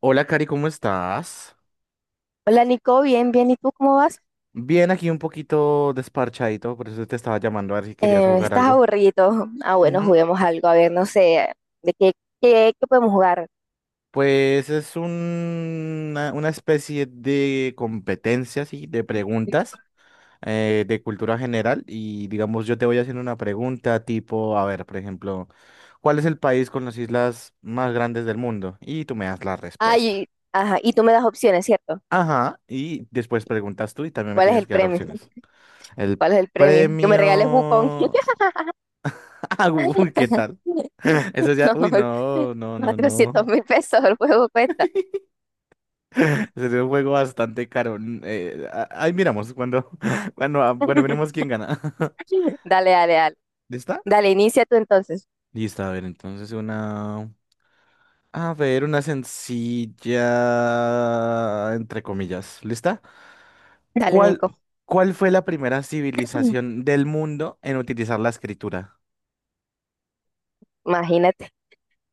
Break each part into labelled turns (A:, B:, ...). A: Hola, Cari, ¿cómo estás?
B: Hola Nico, bien, bien. ¿Y tú cómo vas?
A: Bien, aquí un poquito desparchadito, por eso te estaba llamando a ver si querías jugar
B: ¿Estás
A: algo.
B: aburrido? Ah, bueno,
A: Ujú.
B: juguemos algo. A ver, no sé, ¿de qué, qué podemos jugar?
A: Pues es un- una especie de competencia, sí, de preguntas de cultura general y digamos yo te voy haciendo una pregunta tipo, a ver, por ejemplo, ¿cuál es el país con las islas más grandes del mundo? Y tú me das la respuesta.
B: Ay, ajá. Y tú me das opciones, ¿cierto?
A: Ajá, y después preguntas tú y también me
B: ¿Cuál es
A: tienes
B: el
A: que dar
B: premio?
A: opciones. El
B: ¿Cuál es el premio? Que me regales Wukong.
A: premio. Ah, uy, ¿qué tal? Eso ya, uy, no, no, no,
B: 400
A: no.
B: mil pesos el juego cuesta.
A: Ese es un juego bastante caro. Ahí miramos cuando, cuando veremos quién gana.
B: Dale.
A: ¿Lista?
B: Dale, inicia tú entonces.
A: Lista, a ver, entonces una, a ver, una sencilla, entre comillas, ¿lista?
B: Dale,
A: ¿Cuál,
B: Nico.
A: cuál fue la primera civilización del mundo en utilizar la escritura?
B: Imagínate.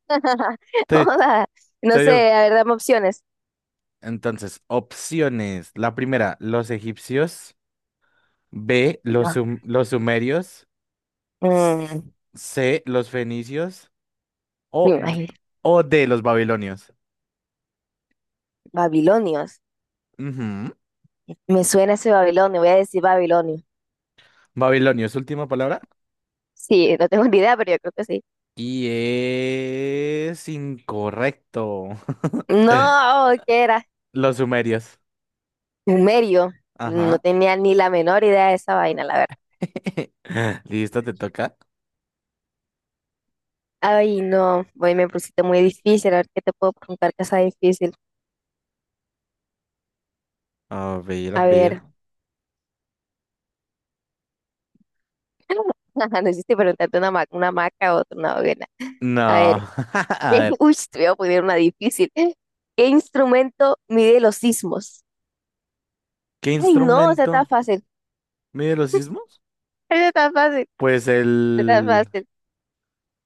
A: Te,
B: Joda. No
A: te digo.
B: sé, a ver, dame opciones.
A: Entonces, opciones. La primera, los egipcios. B,
B: No.
A: los sumerios. S-
B: Mm,
A: C, los fenicios o,
B: Me
A: d-
B: imagino.
A: o D, los babilonios.
B: Babilonios.
A: Ujú.
B: Me suena ese Babilonio, voy a decir Babilonio.
A: Babilonios, última palabra.
B: Sí, no tengo ni idea, pero yo creo que sí.
A: Y es incorrecto.
B: No, ¿qué era?
A: Los sumerios.
B: Sumerio. No
A: Ajá.
B: tenía ni la menor idea de esa vaina, la verdad.
A: Listo, te toca.
B: Ay, no, hoy me pusiste muy difícil. A ver qué te puedo preguntar que sea difícil.
A: A ver, a
B: A
A: ver.
B: ver. No hiciste preguntarte una maca o otra, una hoguera. A
A: No.
B: ver.
A: A ver,
B: Uy, te voy a poner una difícil. ¿Qué instrumento mide los sismos?
A: ¿qué
B: Ay, no, esa está
A: instrumento
B: fácil.
A: mide los sismos?
B: Esa está fácil.
A: Pues
B: Esa está
A: el...
B: fácil.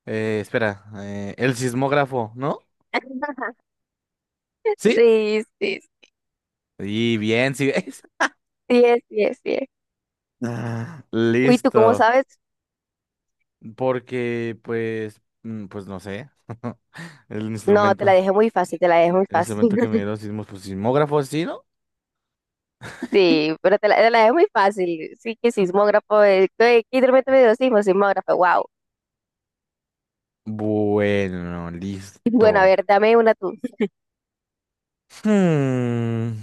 A: espera, el sismógrafo, ¿no? ¿Sí?
B: Sí, sí,
A: Y bien, sí ves.
B: 10, 10, 10. Uy, ¿tú cómo
A: Listo.
B: sabes?
A: Porque, pues, pues no sé. El
B: No, te la
A: instrumento.
B: dejé muy fácil, te la dejé muy
A: El
B: fácil.
A: instrumento que me dieron sismos, pues sismógrafo, ¿sí, no?
B: Sí, pero te la dejé muy fácil. Sí, que sismógrafo, que de repente me dio sismo, sismógrafo, wow.
A: Bueno,
B: Bueno, a
A: listo.
B: ver, dame una tú.
A: Hmm,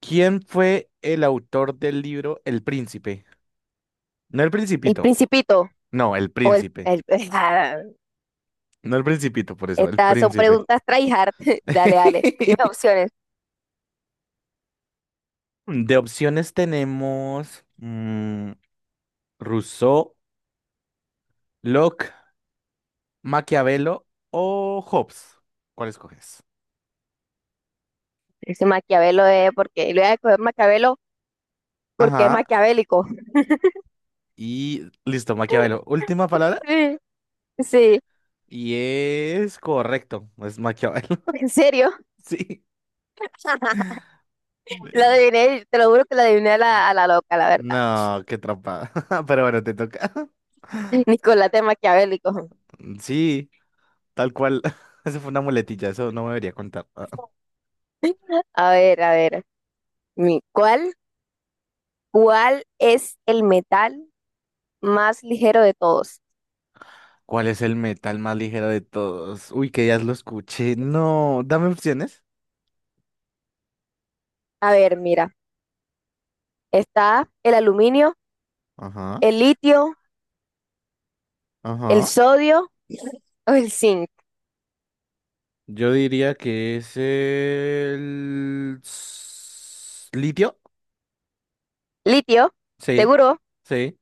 A: ¿Quién fue el autor del libro El Príncipe? No el
B: ¿El
A: Principito.
B: Principito
A: No, el
B: o
A: Príncipe.
B: ah,
A: No el Principito, por eso, el
B: estas son
A: Príncipe.
B: preguntas tryhard. Dale, dime opciones.
A: De opciones tenemos Rousseau, Locke, Maquiavelo o Hobbes. ¿Cuál escoges?
B: Ese Maquiavelo es porque... Le voy a coger Maquiavelo porque es
A: Ajá.
B: maquiavélico.
A: Y listo, Maquiavelo. Última palabra.
B: Sí, sí,
A: Y es correcto. Es Maquiavelo.
B: en serio.
A: Sí.
B: La
A: Del-
B: adiviné, te lo juro que la adiviné a la loca, la verdad.
A: No, qué trampa. Pero bueno, te toca.
B: Nicolás de Maquiavélico.
A: Sí, tal cual. Eso fue una muletilla, eso no me debería contar.
B: A ver. mi- ¿Cuál, cuál es el metal más ligero de todos?
A: ¿Cuál es el metal más ligero de todos? Uy, que ya lo escuché. No, dame opciones.
B: A ver, mira. Está el aluminio,
A: Ajá,
B: el litio, el
A: ajá.
B: sodio o el zinc.
A: Yo diría que es litio.
B: Litio,
A: Sí,
B: seguro.
A: sí,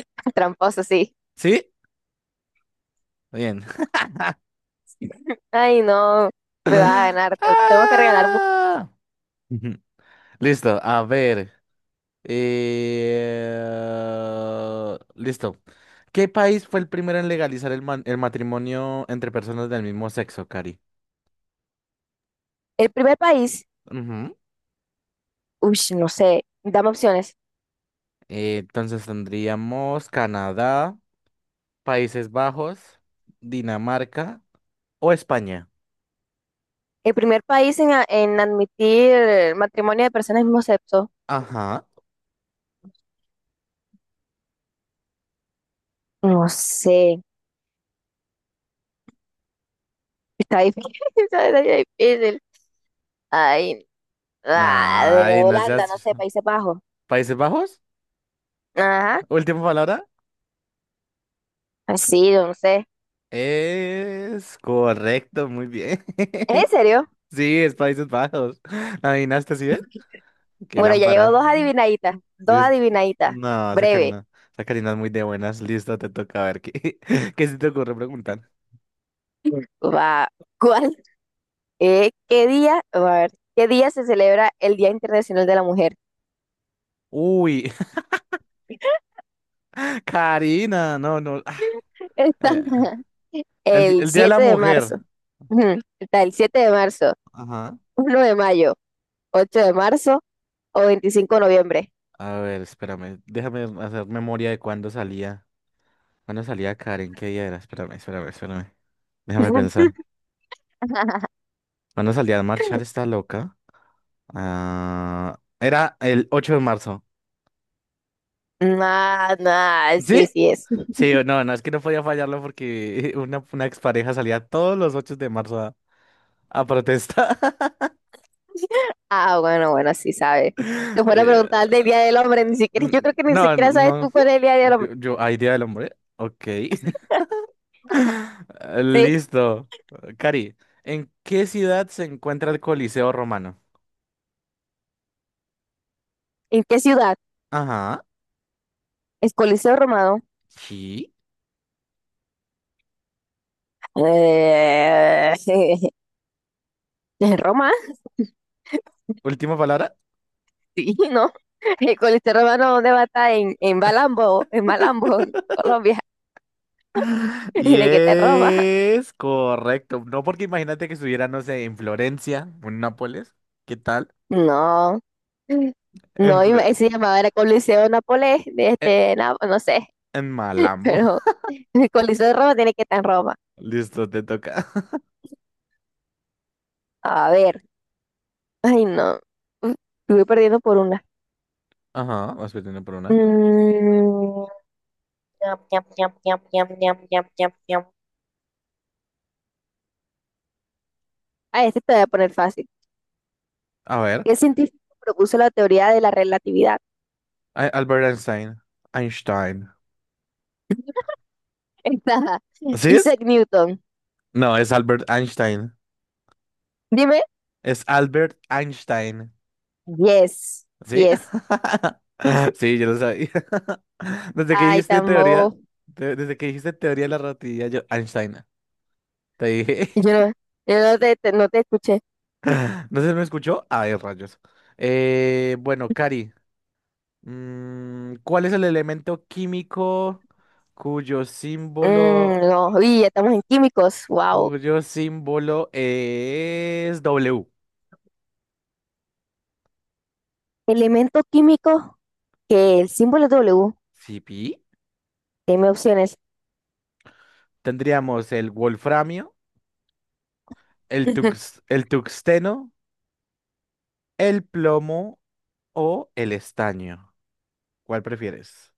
B: Tramposo, sí.
A: sí. Bien.
B: Ay, no. Me va a ganar. Tengo que regalar.
A: Ah. Ujú. Listo, a ver. Listo. ¿Qué país fue el primero en legalizar el matrimonio entre personas del mismo sexo, Cari?
B: El primer país.
A: Ujú.
B: Uy, no sé. Dame opciones.
A: Entonces tendríamos Canadá, Países Bajos, Dinamarca o España.
B: El primer país en, en admitir matrimonio de personas del mismo sexo.
A: Ajá.
B: No sé. Está difícil. Está difícil. Ay, Ah, de
A: Ay, no
B: Holanda, no
A: seas...
B: sé, Países Bajos.
A: ¿Países Bajos?
B: Ajá,
A: Última palabra.
B: sí, yo no sé.
A: Es correcto, muy bien.
B: ¿Es en serio?
A: Sí, es Países Bajos. ¿Adivinaste así, eh? Qué
B: Bueno, ya llevo
A: lámpara.
B: dos
A: Listo.
B: adivinaditas,
A: No,
B: breve.
A: Esa Karina es muy de buenas. Listo, te toca a ver qué, qué se te ocurre preguntar.
B: Va, ¿cuál? ¿Qué día? A ver, ¿qué día se celebra el Día Internacional de la Mujer?
A: Uy, Karina, no, no.
B: Está
A: Eh,
B: el
A: el Día de la
B: 7 de
A: Mujer.
B: marzo. Ujú, está el 7 de marzo,
A: Ajá.
B: 1 de mayo, 8 de marzo o 25 de noviembre.
A: A ver, espérame. Déjame hacer memoria de cuándo salía. ¿Cuándo salía Karen? ¿Qué día era? Espérame, espérame, espérame. Déjame pensar. ¿Cuándo salía a marchar esta loca? Ah, era el 8 de marzo.
B: Nah, nah,
A: ¿Sí?
B: sí, sí es.
A: Sí, o no, no, es que no podía fallarlo porque una expareja salía todos los 8 de marzo a protestar.
B: Ah, bueno, bueno, sí sabes. Te fuera a
A: Eh,
B: preguntar del Día del Hombre, ni siquiera, yo creo que ni
A: no, no,
B: siquiera sabes
A: no.
B: tú cuál es el Día del Hombre.
A: Idea del hombre. Ok.
B: Sí.
A: Listo. Cari, ¿en qué ciudad se encuentra el Coliseo Romano?
B: ¿En qué ciudad?
A: Ajá.
B: ¿Es Coliseo Romano?
A: Sí.
B: Eh, ¿En Roma?
A: Última palabra.
B: Sí, ¿no? ¿El Coliseo Romano dónde va a estar? En Malambo, en Malambo, en Colombia.
A: Y
B: ¿De qué te Roma?
A: es correcto. No, porque imagínate que estuviera, no sé, en Florencia o en Nápoles. ¿Qué tal?
B: No.
A: En
B: No,
A: Florencia.
B: se llamaba era Coliseo Nápoles, no sé,
A: En Malambo.
B: pero el Coliseo de Roma tiene que estar en Roma.
A: Listo, te toca.
B: A ver. Ay, no. Uf, estuve perdiendo por una.
A: Ajá, vas perdiendo por una.
B: Mm, ñam, ñam, ñam, ñam, ñam, ñam. Ah, este te voy a poner fácil.
A: A ver.
B: ¿Qué científico propuso la teoría de la relatividad?
A: Ay, Albert Einstein. Einstein.
B: Está
A: ¿Sí es?
B: Isaac Newton.
A: No, es Albert Einstein.
B: Dime.
A: Es Albert Einstein.
B: Yes. Sí
A: ¿Sí?
B: es.
A: Sí, yo lo sabía. Desde que
B: Ay,
A: dijiste
B: tan
A: teoría, desde que dijiste teoría de la relatividad, yo, Einstein, te dije.
B: Yo no, yo no no te escuché.
A: No sé si me escuchó. Ay, rayos. Bueno, Cari, ¿cuál es el elemento químico cuyo símbolo
B: Mm, no. Uy, ya estamos en químicos. Wow.
A: cuyo símbolo es W?
B: Elemento químico que el símbolo es W.
A: Sí, pi.
B: Dime opciones.
A: Tendríamos el wolframio, el tuxteno, el plomo o el estaño. ¿Cuál prefieres?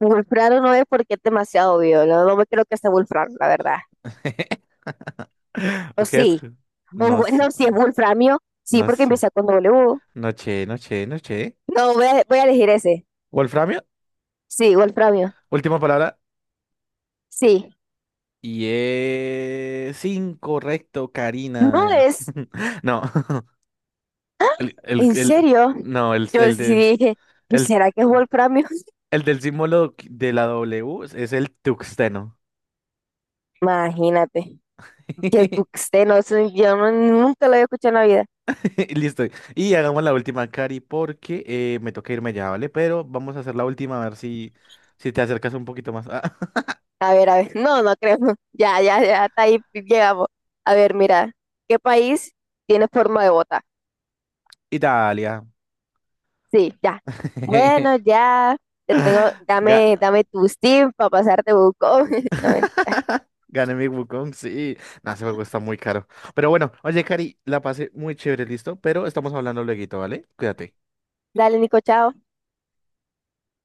B: Wolfrano no es porque es demasiado obvio. No, no me creo que sea Wolfrano, la verdad. O
A: Porque es...
B: sí, o
A: No sé,
B: bueno, si es Wolframio, sí,
A: no
B: porque
A: sé.
B: empieza con W.
A: Noche, noche, noche.
B: No, voy a elegir ese.
A: Wolframio,
B: Sí, Wolframio.
A: última palabra.
B: Sí.
A: Y es incorrecto,
B: No
A: Karina.
B: es,
A: No,
B: en
A: el-
B: serio.
A: no,
B: Yo
A: el
B: sí
A: de,
B: dije, "Yo,
A: el
B: ¿será que es Wolframio?
A: El del símbolo de la W es el tuxteno.
B: Imagínate, que tú usted no, sé, yo no- nunca lo había escuchado en la vida.
A: Listo. Y hagamos la última, Cari, porque me toca irme ya, ¿vale? Pero vamos a hacer la última, a ver si, si te acercas un poquito más. Ah,
B: A ver, no, no creo. Ya, ya, ya, hasta ahí llegamos. A ver, mira, ¿qué país tiene forma de bota?
A: Italia.
B: Sí, ya. Bueno, ya, te tengo,
A: Ga-
B: dame tu Steam para pasarte buco. No, mentira.
A: gané mi Wukong, sí. No, ese juego está muy caro. Pero bueno, oye, Cari, la pasé muy chévere, listo. Pero estamos hablando lueguito, ¿vale? Cuídate.
B: Dale, Nico, chao.